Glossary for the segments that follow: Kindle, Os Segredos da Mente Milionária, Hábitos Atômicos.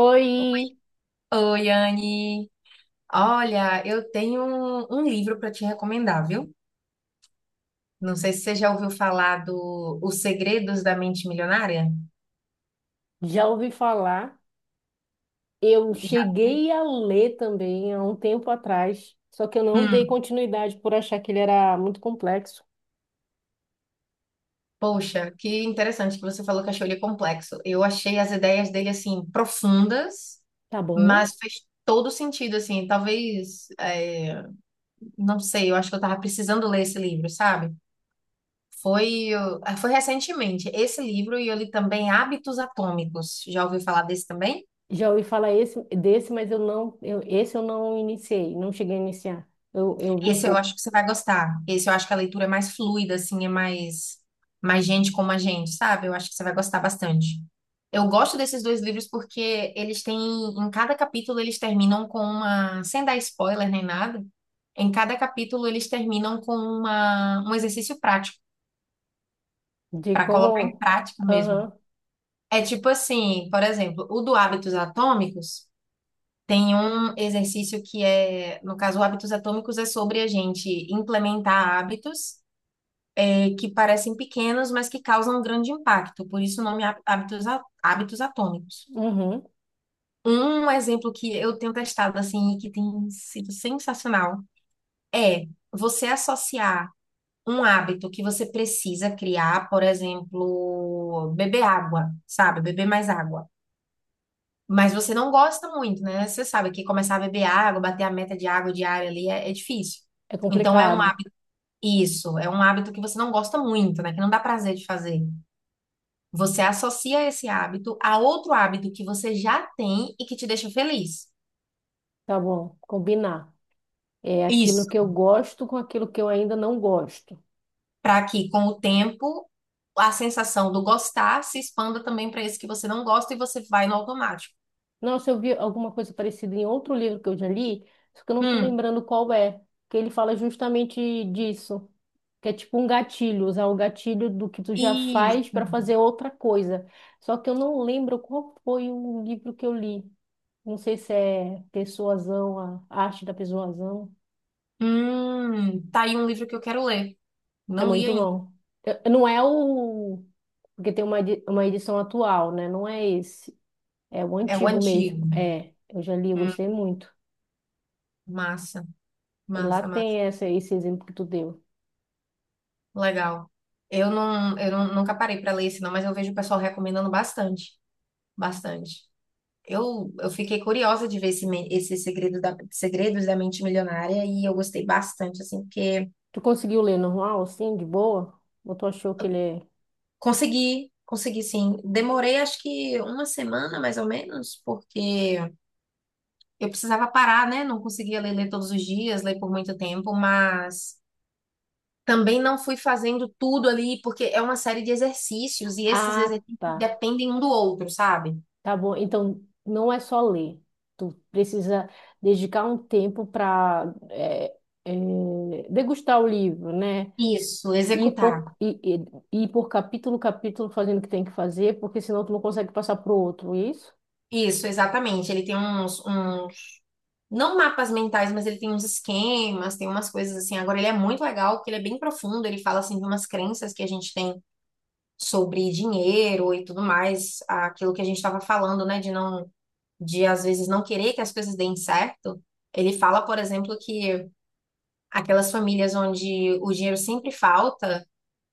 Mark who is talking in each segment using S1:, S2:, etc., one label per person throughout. S1: Oi,
S2: Oi, Anne. Olha, eu tenho um livro para te recomendar, viu? Não sei se você já ouviu falar do Os Segredos da Mente Milionária.
S1: já ouvi falar. Eu
S2: Já.
S1: cheguei a ler também há um tempo atrás, só que eu não dei
S2: Hum,
S1: continuidade por achar que ele era muito complexo.
S2: poxa, que interessante que você falou que achou ele complexo. Eu achei as ideias dele assim profundas,
S1: Tá bom?
S2: mas fez todo sentido assim. Talvez, não sei, eu acho que eu tava precisando ler esse livro, sabe? Foi, foi recentemente esse livro e eu li também Hábitos Atômicos. Já ouviu falar desse também?
S1: Já ouvi falar esse, desse, mas eu não, esse eu não iniciei, não cheguei a iniciar.
S2: Esse eu acho que você vai gostar. Esse eu acho que a leitura é mais fluida, assim, é mais gente como a gente, sabe? Eu acho que você vai gostar bastante. Eu gosto desses dois livros porque eles têm, em cada capítulo eles terminam com uma, sem dar spoiler nem nada, em cada capítulo eles terminam com um exercício prático,
S1: De
S2: para colocar em
S1: como,
S2: prática mesmo.
S1: aham,
S2: É tipo assim, por exemplo, o do Hábitos Atômicos tem um exercício que é, no caso, o Hábitos Atômicos é sobre a gente implementar hábitos que parecem pequenos, mas que causam um grande impacto, por isso o nome hábitos atômicos.
S1: uhum,
S2: Um exemplo que eu tenho testado assim e que tem sido sensacional é você associar um hábito que você precisa criar, por exemplo, beber água, sabe? Beber mais água. Mas você não gosta muito, né? Você sabe que começar a beber água, bater a meta de água diária ali é difícil.
S1: é
S2: Então é um
S1: complicado.
S2: hábito, isso, é um hábito que você não gosta muito, né? Que não dá prazer de fazer. Você associa esse hábito a outro hábito que você já tem e que te deixa feliz.
S1: Tá bom, combinar. É aquilo
S2: Isso.
S1: que eu gosto com aquilo que eu ainda não gosto.
S2: Para que, com o tempo, a sensação do gostar se expanda também para esse que você não gosta e você vai no automático.
S1: Nossa, eu vi alguma coisa parecida em outro livro que eu já li, só que eu não tô
S2: Hum,
S1: lembrando qual é, que ele fala justamente disso, que é tipo um gatilho, usar o gatilho do que tu já faz
S2: isso.
S1: para fazer outra coisa. Só que eu não lembro qual foi o livro que eu li. Não sei se é Persuasão, a Arte da Persuasão.
S2: Tá aí um livro que eu quero ler.
S1: É
S2: Não li
S1: muito
S2: ainda.
S1: bom. Eu- não é o... Porque tem uma, uma edição atual, né? Não é esse. É o
S2: É o
S1: antigo mesmo.
S2: antigo.
S1: É, eu já li, eu
S2: Hum,
S1: gostei muito.
S2: massa,
S1: E lá
S2: massa, massa.
S1: tem essa, esse exemplo que tu deu.
S2: Legal. Eu não- Nunca parei para ler esse não, mas eu vejo o pessoal recomendando bastante, bastante. Eu fiquei curiosa de ver esse Segredos da Mente Milionária e eu gostei bastante, assim, porque
S1: Tu conseguiu ler normal, assim, de boa? Ou tu achou que ele é...
S2: consegui, consegui sim. Demorei acho que uma semana, mais ou menos, porque eu precisava parar, né? Não conseguia ler todos os dias, ler por muito tempo, mas também não fui fazendo tudo ali, porque é uma série de exercícios e esses
S1: Ah,
S2: exercícios
S1: tá.
S2: dependem um do outro, sabe?
S1: Tá bom. Então, não é só ler. Tu precisa dedicar um tempo para degustar o livro, né?
S2: Isso,
S1: Ir
S2: executar.
S1: por, ir, ir ir por capítulo, capítulo, fazendo o que tem que fazer, porque senão tu não consegue passar pro outro, é isso?
S2: Isso, exatamente. Ele tem uns não mapas mentais, mas ele tem uns esquemas, tem umas coisas assim. Agora, ele é muito legal, porque ele é bem profundo, ele fala assim de umas crenças que a gente tem sobre dinheiro e tudo mais, aquilo que a gente estava falando, né, de não, de às vezes não querer que as coisas deem certo. Ele fala, por exemplo, que aquelas famílias onde o dinheiro sempre falta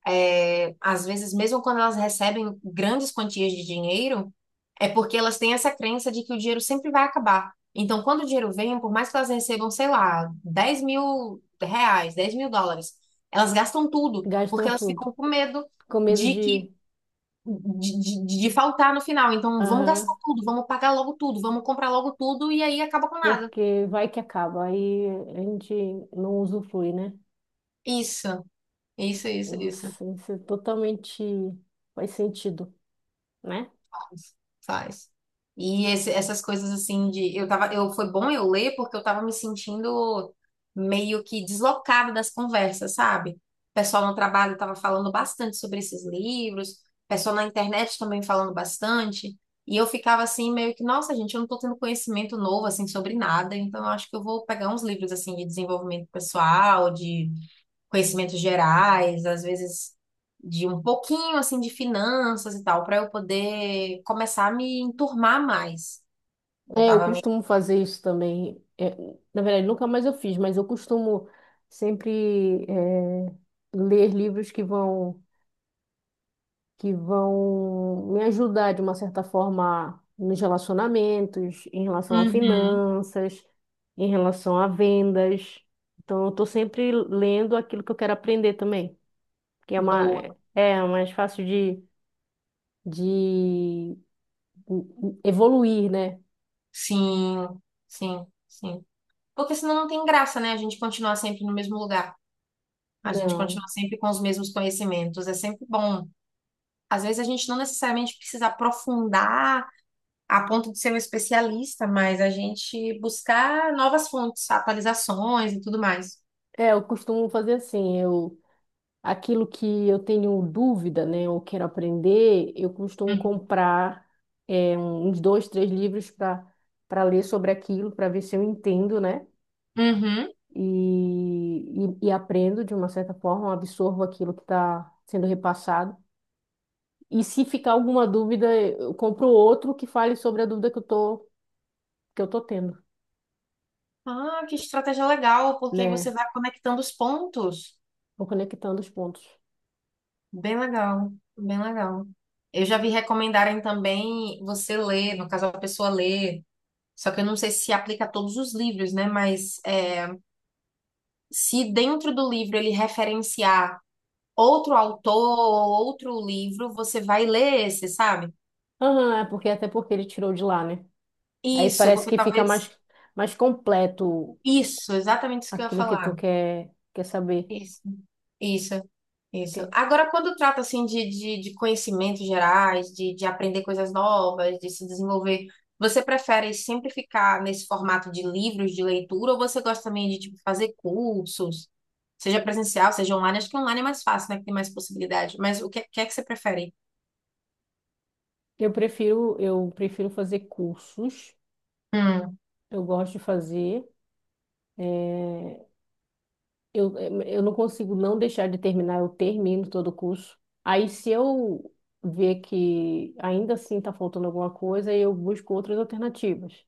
S2: é, às vezes, mesmo quando elas recebem grandes quantias de dinheiro, é porque elas têm essa crença de que o dinheiro sempre vai acabar. Então, quando o dinheiro vem, por mais que elas recebam, sei lá, R$ 10.000, US$ 10.000, elas gastam tudo, porque
S1: Gastam
S2: elas
S1: tudo.
S2: ficam com medo
S1: Com medo
S2: de
S1: de...
S2: que de faltar no final. Então, vamos gastar
S1: Aham.
S2: tudo, vamos pagar logo tudo, vamos comprar logo tudo e aí acaba com nada.
S1: Porque vai que acaba. Aí a gente não usufrui, né?
S2: Isso, isso, isso, isso.
S1: Nossa, isso é totalmente faz sentido, né?
S2: Faz. E essas coisas assim de eu tava, eu foi bom eu ler porque eu tava me sentindo meio que deslocada das conversas, sabe? O pessoal no trabalho tava falando bastante sobre esses livros, o pessoal na internet também falando bastante, e eu ficava assim meio que, nossa, gente, eu não tô tendo conhecimento novo assim sobre nada, então eu acho que eu vou pegar uns livros assim de desenvolvimento pessoal, de conhecimentos gerais, às vezes de um pouquinho assim de finanças e tal, para eu poder começar a me enturmar mais. Eu
S1: É, eu
S2: tava meio.
S1: costumo fazer isso também. É, na verdade, nunca mais eu fiz, mas eu costumo sempre ler livros que vão me ajudar de uma certa forma nos relacionamentos, em relação a
S2: Uhum.
S1: finanças, em relação a vendas. Então, eu estou sempre lendo aquilo que eu quero aprender também, que é uma
S2: Boa.
S1: é mais fácil de evoluir, né?
S2: Sim, sim, sim. Porque senão não tem graça, né? A gente continuar sempre no mesmo lugar. A gente
S1: Não.
S2: continua sempre com os mesmos conhecimentos. É sempre bom. Às vezes a gente não necessariamente precisa aprofundar a ponto de ser um especialista, mas a gente buscar novas fontes, atualizações e tudo mais.
S1: É, eu costumo fazer assim, eu aquilo que eu tenho dúvida, né, ou quero aprender, eu costumo comprar uns dois, três livros para ler sobre aquilo, para ver se eu entendo, né?
S2: Uhum.
S1: E aprendo de uma certa forma, absorvo aquilo que está sendo repassado. E se ficar alguma dúvida, eu compro outro que fale sobre a dúvida que eu tô, que eu tô tendo,
S2: Ah, que estratégia legal, porque aí você
S1: né?
S2: vai conectando os pontos.
S1: Vou conectando os pontos.
S2: Bem legal, bem legal. Eu já vi recomendarem também você ler, no caso a pessoa ler, só que eu não sei se aplica a todos os livros, né? Mas é, se dentro do livro ele referenciar outro autor ou outro livro, você vai ler esse, sabe?
S1: Aham, é porque até porque ele tirou de lá, né? Aí
S2: Isso,
S1: parece
S2: porque
S1: que fica
S2: talvez.
S1: mais, mais completo
S2: Isso, exatamente isso que eu ia
S1: aquilo que tu
S2: falar.
S1: quer, quer saber.
S2: Isso, isso, isso.
S1: Ok.
S2: Agora, quando trata assim de conhecimentos gerais, de aprender coisas novas, de se desenvolver, você prefere sempre ficar nesse formato de livros de leitura ou você gosta também de tipo, fazer cursos, seja presencial, seja online? Acho que online é mais fácil, né? Que tem mais possibilidade. Mas o que, que é que você prefere?
S1: Eu prefiro fazer cursos,
S2: Hum,
S1: eu gosto de fazer. eh, eu, eu não consigo não deixar de terminar, eu termino todo o curso. Aí se eu ver que ainda assim está faltando alguma coisa, eu busco outras alternativas.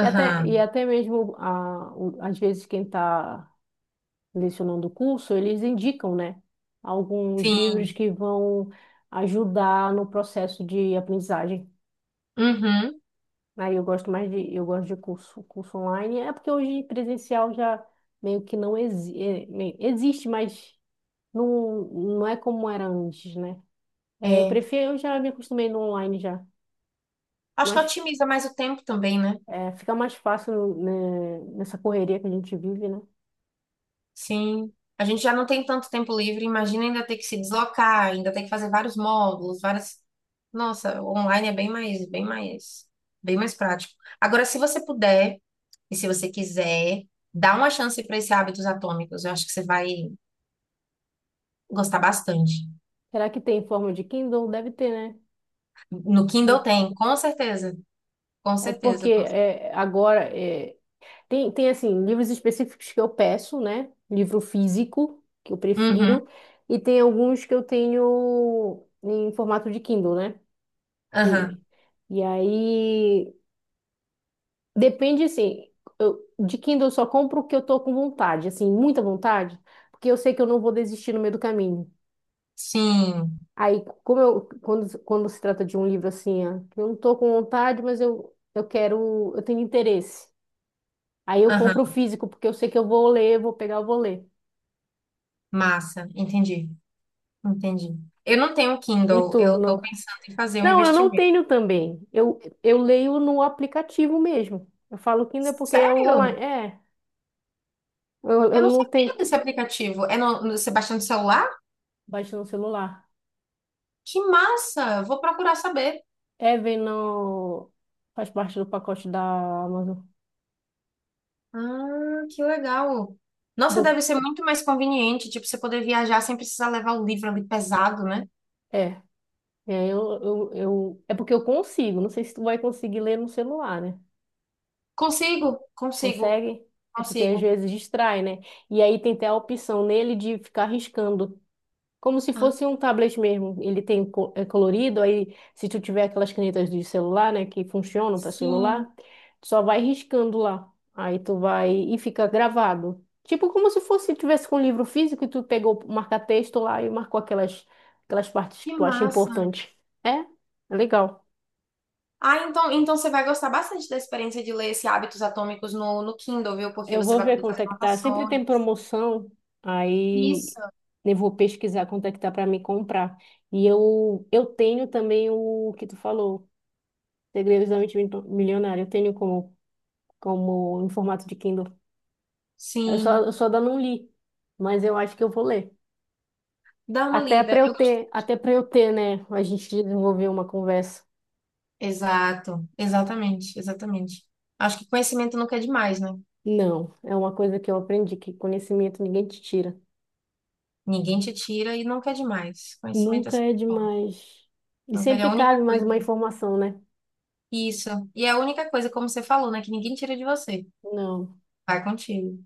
S1: E até mesmo, às vezes, quem está lecionando o curso, eles indicam, né, alguns livros
S2: sim,
S1: que vão ajudar no processo de aprendizagem.
S2: uhum,
S1: Aí eu gosto mais de, eu gosto de curso, curso online, é porque hoje presencial já meio que não exi é, meio- existe, mas não, não é como era antes, né? É, eu
S2: é.
S1: prefiro, eu já me acostumei no online já,
S2: Acho que
S1: mas
S2: otimiza mais o tempo também, né?
S1: é, fica mais fácil, né, nessa correria que a gente vive, né?
S2: Sim. A gente já não tem tanto tempo livre, imagina ainda ter que se deslocar, ainda ter que fazer vários módulos, várias. Nossa, o online é bem mais, bem mais, bem mais prático. Agora, se você puder e se você quiser, dá uma chance para esse Hábitos Atômicos. Eu acho que você vai gostar bastante.
S1: Será que tem em forma de Kindle? Deve ter, né?
S2: No Kindle tem, com certeza, com
S1: É porque
S2: certeza.
S1: é, agora é, tem, tem, assim, livros específicos que eu peço, né? Livro físico, que eu
S2: Uhum,
S1: prefiro. E tem alguns que eu tenho em formato de Kindle, né? E,
S2: aham,
S1: e aí, depende, assim, de Kindle eu só compro o que eu tô com vontade, assim, muita vontade, porque eu sei que eu não vou desistir no meio do caminho.
S2: sim,
S1: Aí, como eu, quando, quando se trata de um livro assim, ah, que eu não tô com vontade, mas eu quero, eu tenho interesse. Aí eu compro o
S2: aham,
S1: físico, porque eu sei que eu vou ler, vou pegar, eu vou ler.
S2: massa, entendi, entendi. Eu não tenho
S1: E
S2: Kindle,
S1: tu,
S2: eu estou
S1: não?
S2: pensando em fazer um
S1: Não, eu não
S2: investimento.
S1: tenho também. Eu leio no aplicativo mesmo. Eu falo Kindle porque é
S2: Sério?
S1: online. Eu
S2: Eu não
S1: não
S2: sabia
S1: tenho.
S2: desse aplicativo. Você baixa no celular?
S1: Baixa no celular.
S2: Que massa! Vou procurar saber.
S1: É, vem no... Faz parte do pacote da Amazon.
S2: Ah, que legal. Nossa,
S1: Do...
S2: deve ser muito mais conveniente, tipo, você poder viajar sem precisar levar o livro ali pesado, né?
S1: É, eu... é porque eu consigo. Não sei se tu vai conseguir ler no celular, né?
S2: Consigo, consigo,
S1: Consegue? É porque
S2: consigo.
S1: às vezes distrai, né? E aí tem até a opção nele de ficar riscando. Como se
S2: Ah,
S1: fosse um tablet mesmo. Ele tem é colorido, aí se tu tiver aquelas canetas de celular, né, que funcionam para
S2: sim,
S1: celular, tu só vai riscando lá. Aí tu vai e fica gravado. Tipo como se fosse tivesse com um livro físico e tu pegou o marca-texto lá e marcou aquelas partes que
S2: que
S1: tu acha
S2: massa.
S1: importante. É? É legal.
S2: Ah, então você vai gostar bastante da experiência de ler esse Hábitos Atômicos no Kindle, viu? Porque
S1: Eu
S2: você
S1: vou
S2: vai
S1: ver
S2: poder
S1: quanto
S2: fazer
S1: é que tá. Sempre
S2: anotações.
S1: tem promoção, aí
S2: Isso.
S1: eu vou pesquisar quanto é que tá para me comprar. E eu tenho também o que tu falou Segredos da Mente Milionária. Eu tenho como, como em formato de Kindle.
S2: Sim,
S1: Eu só ainda não li, mas eu acho que eu vou ler.
S2: dá uma lida. Eu
S1: Até para eu ter, né? A gente desenvolver uma conversa.
S2: Exato, exatamente, exatamente. Acho que conhecimento nunca é demais, né?
S1: Não, é uma coisa que eu aprendi, que conhecimento ninguém te tira.
S2: Ninguém te tira e nunca é demais. Conhecimento é
S1: Nunca
S2: sempre
S1: é
S2: bom.
S1: demais. E
S2: Nunca é
S1: sempre
S2: a única
S1: cabe mais
S2: coisa.
S1: uma informação, né?
S2: Isso. E é a única coisa, como você falou, né? Que ninguém tira de você.
S1: Não.
S2: Vai contigo.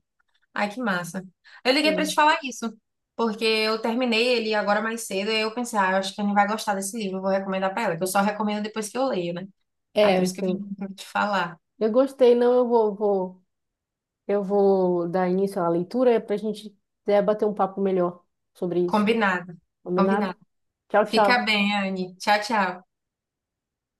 S2: Ai, que massa. Eu liguei pra te
S1: Hum.
S2: falar isso, porque eu terminei ele agora mais cedo e eu pensei, ah, eu acho que a Anne vai gostar desse livro, eu vou recomendar pra ela, que eu só recomendo depois que eu leio, né? Ah, por
S1: É,
S2: isso que eu vim pra te falar.
S1: eu gostei, não, eu vou dar início à leitura para a gente bater um papo melhor sobre isso.
S2: Combinado,
S1: Combinado?
S2: combinado.
S1: Tchau,
S2: Fica
S1: tchau.
S2: bem, Anne. Tchau, tchau.